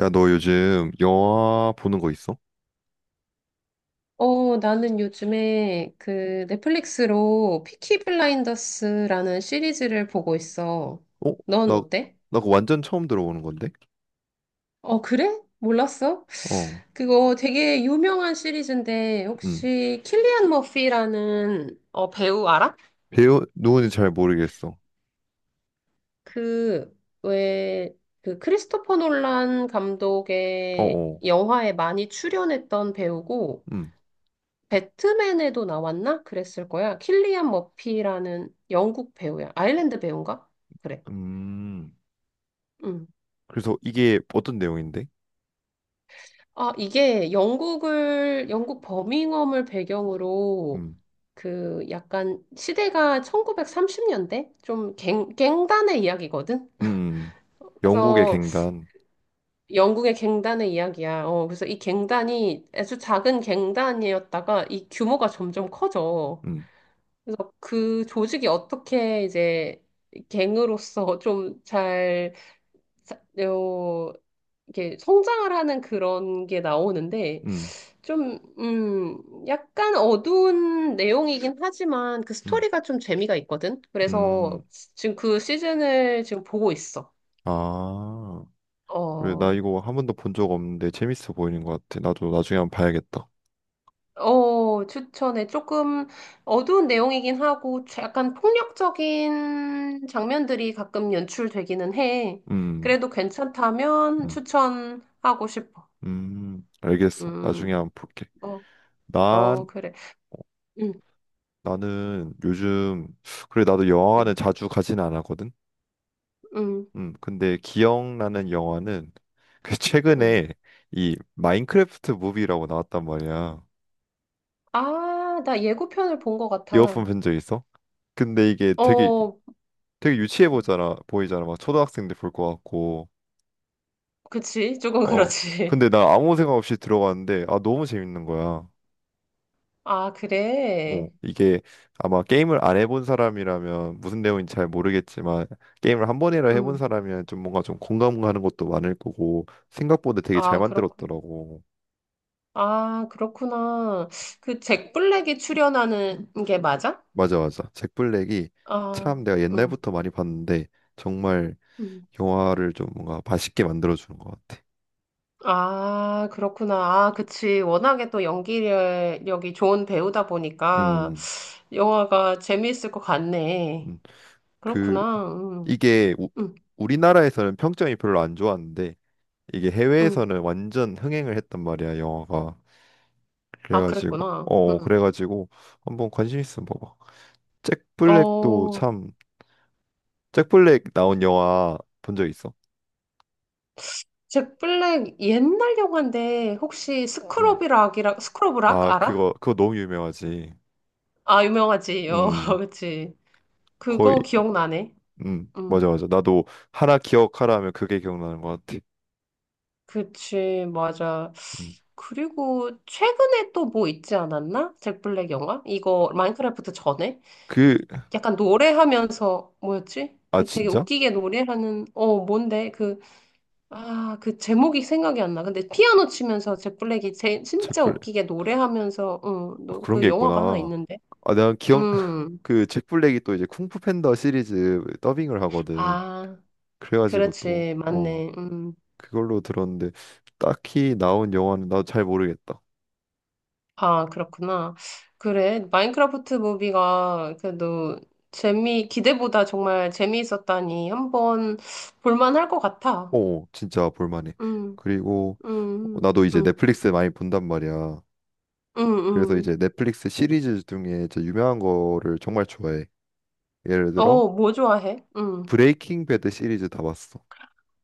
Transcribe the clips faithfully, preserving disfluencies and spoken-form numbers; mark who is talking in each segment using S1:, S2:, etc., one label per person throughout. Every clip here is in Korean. S1: 야, 너 요즘 영화 보는 거 있어?
S2: 어, 나는 요즘에 그 넷플릭스로 피키 블라인더스라는 시리즈를 보고 있어.
S1: 어?
S2: 넌
S1: 나,
S2: 어때?
S1: 나 그거 완전 처음 들어보는 건데?
S2: 어, 그래? 몰랐어?
S1: 어,
S2: 그거 되게 유명한 시리즈인데
S1: 음.
S2: 혹시 킬리안 머피라는 어, 배우 알아?
S1: 배우, 누군지 잘 모르겠어.
S2: 그, 왜, 그 크리스토퍼 놀란
S1: 어,
S2: 감독의
S1: 어,
S2: 영화에 많이 출연했던 배우고
S1: 음.
S2: 배트맨에도 나왔나? 그랬을 거야. 킬리안 머피라는 영국 배우야. 아일랜드 배우인가? 그래.
S1: 음.
S2: 음.
S1: 그래서 이게 어떤 내용인데?
S2: 아, 이게 영국을, 영국 버밍엄을 배경으로
S1: 음,
S2: 그 약간 시대가 천구백삼십 년대? 좀 갱, 갱단의 이야기거든?
S1: 음. 음, 음. 영국의
S2: 그래서
S1: 갱단.
S2: 영국의 갱단의 이야기야. 어, 그래서 이 갱단이 아주 작은 갱단이었다가 이 규모가 점점 커져.
S1: 음,
S2: 그래서 그 조직이 어떻게 이제 갱으로서 좀 잘, 어, 이렇게 성장을 하는 그런 게 나오는데,
S1: 음,
S2: 좀, 음, 약간 어두운 내용이긴 하지만 그
S1: 음,
S2: 스토리가 좀 재미가 있거든?
S1: 음.
S2: 그래서 지금 그 시즌을 지금 보고 있어.
S1: 아, 그래.
S2: 어,
S1: 나 이거 한 번도 본 적 없는데 재밌어 보이는 것 같아. 나도 나중에 한번 봐야겠다.
S2: 어, 추천해. 조금 어두운 내용이긴 하고, 자- 약간 폭력적인 장면들이 가끔 연출되기는 해.
S1: 음,
S2: 그래도 괜찮다면
S1: 음,
S2: 추천하고 싶어.
S1: 음. 알겠어. 나중에
S2: 음,
S1: 한번 볼게.
S2: 어,
S1: 난
S2: 어, 그래. 음,
S1: 나는 요즘 그래 나도 영화관을
S2: 음,
S1: 자주 가진 않았거든.
S2: 음,
S1: 음, 근데 기억나는 영화는 그
S2: 음.
S1: 최근에 이 마인크래프트 무비라고 나왔단 말이야.
S2: 아, 나 예고편을 본 것
S1: 이어폰
S2: 같아.
S1: 본적 있어? 근데 이게 되게
S2: 어,
S1: 되게 유치해 보잖아 보이잖아 막 초등학생들 볼 것 같고.
S2: 그치. 조금
S1: 어
S2: 그렇지.
S1: 근데 나 아무 생각 없이 들어갔는데 아 너무 재밌는 거야.
S2: 아,
S1: 어,
S2: 그래.
S1: 이게 아마 게임을 안 해본 사람이라면 무슨 내용인지 잘 모르겠지만 게임을 한 번이라 해본
S2: 음,
S1: 사람이면 좀 뭔가 좀 공감가는 것도 많을 거고 생각보다 되게 잘
S2: 아, 그렇구나.
S1: 만들었더라고.
S2: 아, 그렇구나. 그 잭 블랙이 출연하는 게 맞아?
S1: 맞아, 맞아. 잭 블랙이 참
S2: 아,
S1: 내가
S2: 음,
S1: 옛날부터 많이 봤는데 정말
S2: 음.
S1: 영화를 좀 뭔가 맛있게 만들어주는 것 같아.
S2: 아, 그렇구나. 아, 그치. 워낙에 또 연기력이 좋은 배우다 보니까
S1: 음,
S2: 영화가 재미있을 것 같네.
S1: 음. 그
S2: 그렇구나. 음,
S1: 이게 우,
S2: 음,
S1: 우리나라에서는 평점이 별로 안 좋았는데 이게
S2: 음.
S1: 해외에서는 완전 흥행을 했단 말이야, 영화가.
S2: 아,
S1: 그래가지고
S2: 그랬구나.
S1: 어 어,
S2: 음.
S1: 그래가지고 한번 관심 있으면 봐봐. 잭 블랙도
S2: 어,
S1: 참, 잭 블랙 나온 영화 본 적 있어?
S2: 잭 블랙 옛날 영화인데 혹시
S1: 음.
S2: 스크럽이락이라, 스크럽락
S1: 아,
S2: 알아?
S1: 그거 그거 너무 유명하지.
S2: 아, 유명하지. 어,
S1: 음
S2: 그치.
S1: 거의
S2: 그거 기억나네.
S1: 음
S2: 음.
S1: 맞아, 맞아. 나도 하나 기억하라 하면 그게 기억나는 것 같아.
S2: 그치, 맞아.
S1: 음.
S2: 그리고 최근에 또 뭐 있지 않았나? 잭 블랙 영화? 이거 마인크래프트 전에?
S1: 그
S2: 약간 노래하면서 뭐였지?
S1: 아
S2: 그 되게
S1: 진짜?
S2: 웃기게 노래하는 어 뭔데? 그 아, 그 제목이 생각이 안 나. 근데 피아노 치면서 잭 블랙이 제,
S1: 잭
S2: 진짜
S1: 블랙,
S2: 웃기게 노래하면서
S1: 아,
S2: 응,
S1: 그런
S2: 그
S1: 게
S2: 영화가 하나
S1: 있구나.
S2: 있는데.
S1: 아 내가 기억
S2: 음.
S1: 그 잭 블랙이 또 이제 쿵푸 팬더 시리즈 더빙을 하거든.
S2: 아,
S1: 그래가지고 또
S2: 그렇지.
S1: 어
S2: 맞네. 음.
S1: 그걸로 들었는데 딱히 나온 영화는 나도 잘 모르겠다.
S2: 아, 그렇구나. 그래. 마인크래프트 무비가 그래도 재미, 기대보다 정말 재미있었다니 한번 볼만할 것 같아.
S1: 어, 진짜 볼만해.
S2: 음,
S1: 그리고
S2: 음,
S1: 나도 이제
S2: 음,
S1: 넷플릭스 많이 본단 말이야.
S2: 음,
S1: 그래서
S2: 음.
S1: 이제 넷플릭스 시리즈 중에 저 유명한 거를 정말 좋아해. 예를 들어
S2: 어, 뭐 좋아해? 음.
S1: 브레이킹 배드 시리즈 다 봤어.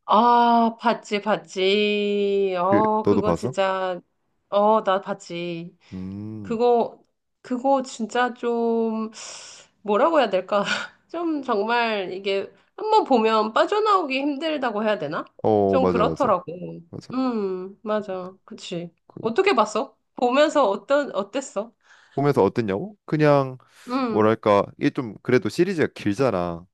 S2: 아, 봤지, 봤지.
S1: 그
S2: 어,
S1: 너도
S2: 그거
S1: 봤어?
S2: 진짜, 어, 나 봤지.
S1: 음.
S2: 그거, 그거 진짜 좀, 뭐라고 해야 될까? 좀 정말 이게 한번 보면 빠져나오기 힘들다고 해야 되나?
S1: 어,
S2: 좀
S1: 맞아, 맞아.
S2: 그렇더라고.
S1: 맞아.
S2: 음, 맞아. 그치.
S1: 그,
S2: 어떻게 봤어? 보면서 어떤, 어땠어?
S1: 보면서 어땠냐고? 그냥
S2: 음,
S1: 뭐랄까 이게 좀 그래도 시리즈가 길잖아.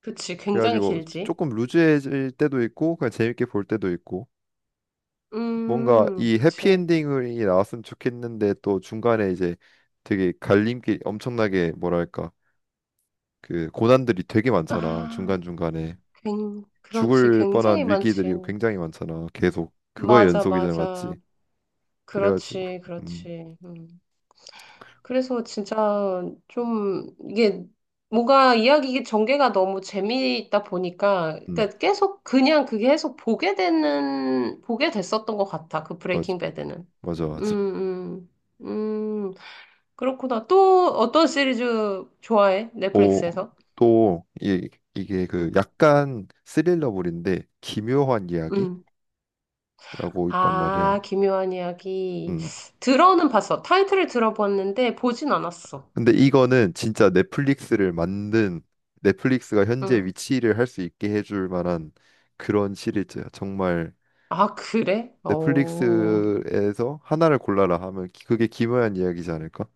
S2: 그치. 굉장히
S1: 그래가지고
S2: 길지.
S1: 조금 루즈해질 때도 있고 그냥 재밌게 볼 때도 있고 뭔가
S2: 음,
S1: 이
S2: 그치.
S1: 해피엔딩이 나왔으면 좋겠는데 또 중간에 이제 되게 갈림길 엄청나게 뭐랄까 그 고난들이 되게 많잖아,
S2: 아,
S1: 중간중간에.
S2: 굉, 그렇지.
S1: 죽을
S2: 굉장히
S1: 뻔한 위기들이
S2: 많지.
S1: 굉장히 많잖아. 계속 그거의
S2: 맞아,
S1: 연속이잖아,
S2: 맞아.
S1: 맞지? 그래가지고
S2: 그렇지,
S1: 음,
S2: 그렇지. 음. 그래서 진짜 좀 이게 뭔가 이야기 전개가 너무 재미있다 보니까
S1: 음,
S2: 그러니까 계속 그냥 그게 계속 보게 되는 보게 됐었던 것 같아. 그
S1: 맞아,
S2: 브레이킹 배드는.
S1: 맞아, 맞아.
S2: 음, 음, 음. 그렇구나. 또 어떤 시리즈 좋아해?
S1: 오,
S2: 넷플릭스에서?
S1: 또 이, 이게
S2: 음,
S1: 그 약간 스릴러물인데 기묘한 이야기라고
S2: 음.
S1: 있단 말이야.
S2: 아, 기묘한 이야기.
S1: 음,
S2: 들어는 봤어. 타이틀을 들어봤는데 보진 않았어.
S1: 근데 이거는 진짜 넷플릭스를 만든, 넷플릭스가 현재
S2: 음.
S1: 위치를 할 수 있게 해줄 만한 그런 시리즈야. 정말
S2: 아, 그래? 오
S1: 넷플릭스에서 하나를 골라라 하면 기- 그게 김어한 이야기지 않을까?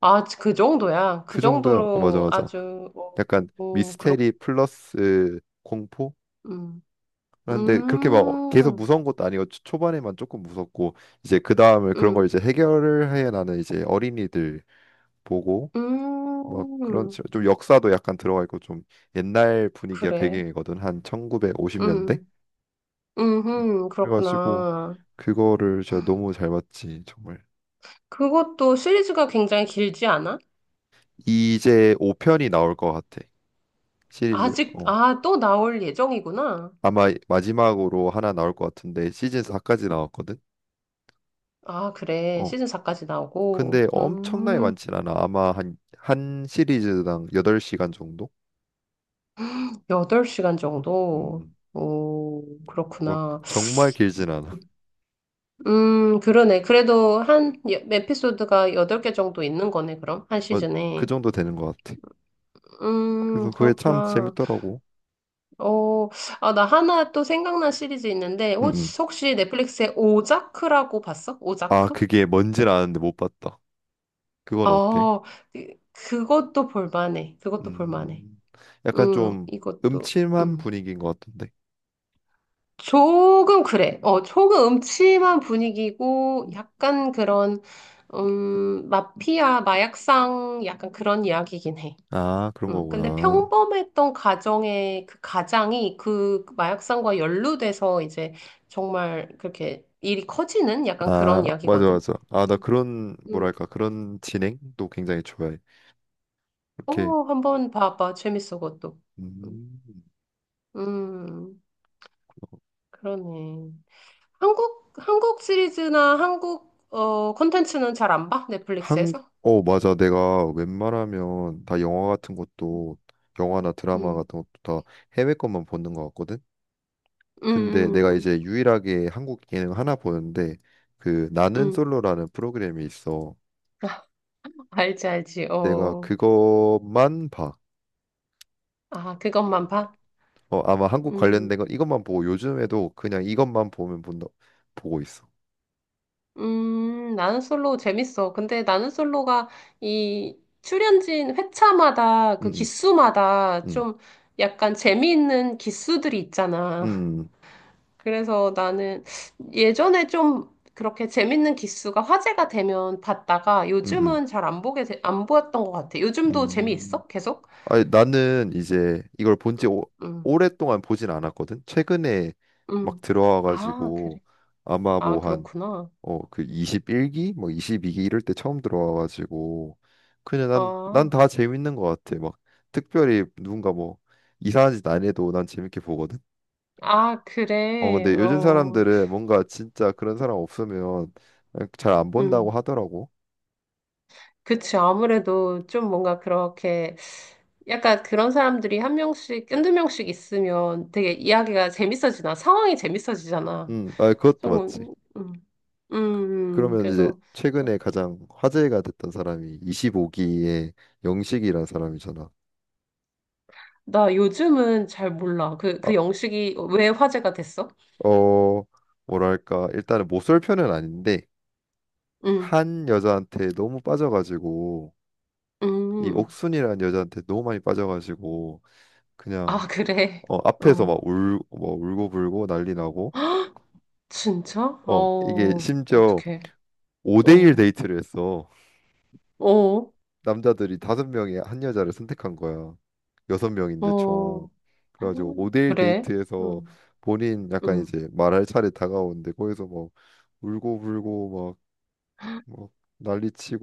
S2: 아, 그 정도야. 그
S1: 그 정도야. 어, 맞아,
S2: 정도로
S1: 맞아.
S2: 아주, 뭐,
S1: 약간
S2: 뭐, 그렇군.
S1: 미스테리 플러스 공포?
S2: 음,
S1: 그런데 그렇게 막 계속
S2: 음,
S1: 무서운 것도 아니고 초- 초반에만 조금 무섭고, 이제 그 다음에 그런 걸
S2: 음,
S1: 이제 해결을 해. 나는 이제 어린이들 보고 뭐 그런
S2: 음,
S1: 식, 좀 역사도 약간 들어가 있고 좀 옛날 분위기가
S2: 그래.
S1: 배경이거든, 한 천구백오십 년대.
S2: 음, 음,
S1: 그래가지고
S2: 그렇구나.
S1: 그거를 제가 너무 잘 봤지 정말.
S2: 그것도 시리즈가 굉장히 길지 않아?
S1: 이제 오 편이 나올 것 같아, 시리즈.
S2: 아직,
S1: 어
S2: 아, 또 나올 예정이구나.
S1: 아마 마지막으로 하나 나올 것 같은데, 시즌 사까지 나왔거든.
S2: 아, 그래.
S1: 어
S2: 시즌 사까지 나오고.
S1: 근데 엄청나게
S2: 음,
S1: 많진 않아, 아마 한, 한 시리즈당 여덟 시간 정도.
S2: 여덟 시간 정도.
S1: 음막
S2: 오, 그렇구나.
S1: 정말 길진 않아.
S2: 음, 그러네. 그래도 한 여- 에피소드가 여덟 개 정도 있는 거네, 그럼. 한
S1: 막 그
S2: 시즌에.
S1: 정도 되는 것 같아. 그래서
S2: 음,
S1: 그게 참
S2: 그렇구나.
S1: 재밌더라고.
S2: 어, 아, 나 하나 또 생각난 시리즈 있는데,
S1: 응응
S2: 혹시, 혹시 넷플릭스에 오자크라고 봤어?
S1: 아,
S2: 오자크?
S1: 그게 뭔지는 아는데 못 봤다. 그건 어때?
S2: 어, 그- 그것도 볼만해. 그것도 볼만해.
S1: 음, 약간
S2: 음,
S1: 좀
S2: 이것도,
S1: 음침한
S2: 음.
S1: 분위기인 것 같은데.
S2: 조금 그래. 어, 조금 음침한 분위기고, 약간 그런, 음, 마피아, 마약상, 약간 그런 이야기긴 해.
S1: 아, 그런
S2: 음, 근데
S1: 거구나.
S2: 평범했던 가정의 그 가장이 그 마약상과 연루돼서 이제 정말 그렇게 일이 커지는 약간
S1: 아,
S2: 그런
S1: 맞아,
S2: 이야기거든.
S1: 맞아. 아,
S2: 음,
S1: 나 그런,
S2: 음.
S1: 뭐랄까, 그런 진행도 굉장히 좋아해.
S2: 어,
S1: 이렇게,
S2: 한번 봐봐. 재밌어, 그것도. 음,
S1: 음,
S2: 음, 그러네. 한국, 한국 시리즈나 한국, 어, 콘텐츠는 잘 안 봐?
S1: 한,
S2: 넷플릭스에서?
S1: 어, 맞아. 내가 웬만하면 다 영화 같은 것도, 영화나 드라마
S2: 음,
S1: 같은 것도 다 해외 것만 보는 것 같거든?
S2: 음,
S1: 근데 내가
S2: 음,
S1: 이제 유일하게 한국 예능 하나 보는데, 그, 나는
S2: 음.
S1: 솔로라는 프로그램이 있어.
S2: 알지, 알지.
S1: 내가
S2: 어.
S1: 그것만 봐.
S2: 아, 그것만 봐?
S1: 어, 아마 한국
S2: 응.
S1: 관련된 건 이것만 보고 요즘에도 그냥 이것만 보면 본다, 보고 있어.
S2: 음, 나는 솔로 재밌어. 근데 나는 솔로가 이 출연진 회차마다 그
S1: 음,
S2: 기수마다
S1: 음,
S2: 좀 약간 재미있는 기수들이 있잖아.
S1: 음, 음,
S2: 그래서 나는 예전에 좀 그렇게 재밌는 기수가 화제가 되면 봤다가
S1: 음, 음.
S2: 요즘은 잘 안 보게, 되- 안 보였던 것 같아.
S1: 음.
S2: 요즘도
S1: 음.
S2: 재미있어? 계속?
S1: 아니, 나는 이제 이걸 본 지
S2: 음,
S1: 오랫동안 보진 않았거든. 최근에 막
S2: 음. 아,
S1: 들어와가지고,
S2: 그래.
S1: 아마 뭐
S2: 아,
S1: 한,
S2: 그렇구나.
S1: 어 그 이십일 기, 뭐 이십이 기 이럴 때 처음 들어와가지고 그냥 난 난
S2: 아,
S1: 다 재밌는 것 같아. 막 특별히 누군가 뭐 이상한 짓 안 해도 난 재밌게 보거든.
S2: 아,
S1: 어,
S2: 그래.
S1: 근데 요즘
S2: 어,
S1: 사람들은 뭔가 진짜 그런 사람 없으면 잘 안 본다고
S2: 음.
S1: 하더라고.
S2: 그치. 아무래도 좀 뭔가 그렇게 약간 그런 사람들이 한 명씩, 한두 명씩 있으면 되게 이야기가 재밌어지나, 상황이 재밌어지잖아.
S1: 음, 아, 그것도 맞지.
S2: 조금, 음, 음, 음.
S1: 그러면 이제
S2: 그래서
S1: 최근에 가장 화제가 됐던 사람이 이십오 기의 영식이란 사람이잖아.
S2: 나 요즘은 잘 몰라. 그,
S1: 아,
S2: 그 영식이 왜 화제가 됐어?
S1: 어, 뭐랄까, 일단은 못쏠 편은 아닌데,
S2: 음,
S1: 한 여자한테 너무 빠져가지고, 이
S2: 음.
S1: 옥순이라는 여자한테 너무 많이 빠져가지고,
S2: 아,
S1: 그냥,
S2: 그래.
S1: 어, 앞에서 막
S2: 어.
S1: 울, 뭐 울고불고 난리 나고,
S2: 진짜?
S1: 어, 이게
S2: 어,
S1: 심지어
S2: 어떡해.
S1: 오 대일
S2: 어,
S1: 데이트를 했어.
S2: 어,
S1: 남자들이 다섯 명이 한 여자를 선택한 거야. 여섯 명인데 총.
S2: 어.
S1: 그래가지고 오 대일
S2: 그래.
S1: 데이트에서
S2: 응,
S1: 본인 약간
S2: 응.
S1: 이제 말할 차례 다가오는데 거기서 막 울고 불고 막, 막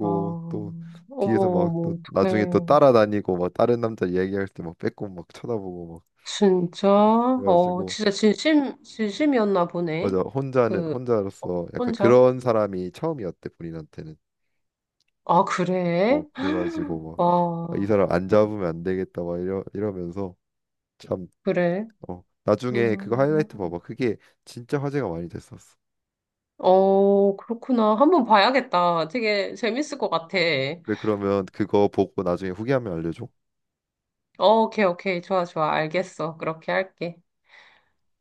S2: 아, 어머,
S1: 또 뒤에서 막 또
S2: 어머, 어떡해.
S1: 나중에 또 따라다니고 막 다른 남자 얘기할 때 막 빼꼼 막 쳐다보고 막
S2: 진짜?
S1: 그래-
S2: 어,
S1: 그래가지고.
S2: 진짜 진심, 진심이었나
S1: 맞아,
S2: 보네.
S1: 혼자는
S2: 그, 어,
S1: 혼자로서 약간
S2: 혼자?
S1: 그런 사람이 처음이었대, 본인한테는.
S2: 아, 그래?
S1: 어 그래가지고 막, 아, 이
S2: 와,
S1: 사람 안 잡으면 안 되겠다 막 이러 이러면서 참.
S2: 그래.
S1: 어, 나중에 그거 하이라이트
S2: 음,
S1: 봐봐. 그게 진짜 화제가 많이 됐었어.
S2: 어, 그렇구나. 한번 봐야겠다. 되게 재밌을 것 같아.
S1: 그래, 그러면 그거 보고 나중에 후기하면 알려줘.
S2: 어, 오케이, 오케이. 좋아, 좋아. 알겠어. 그렇게 할게.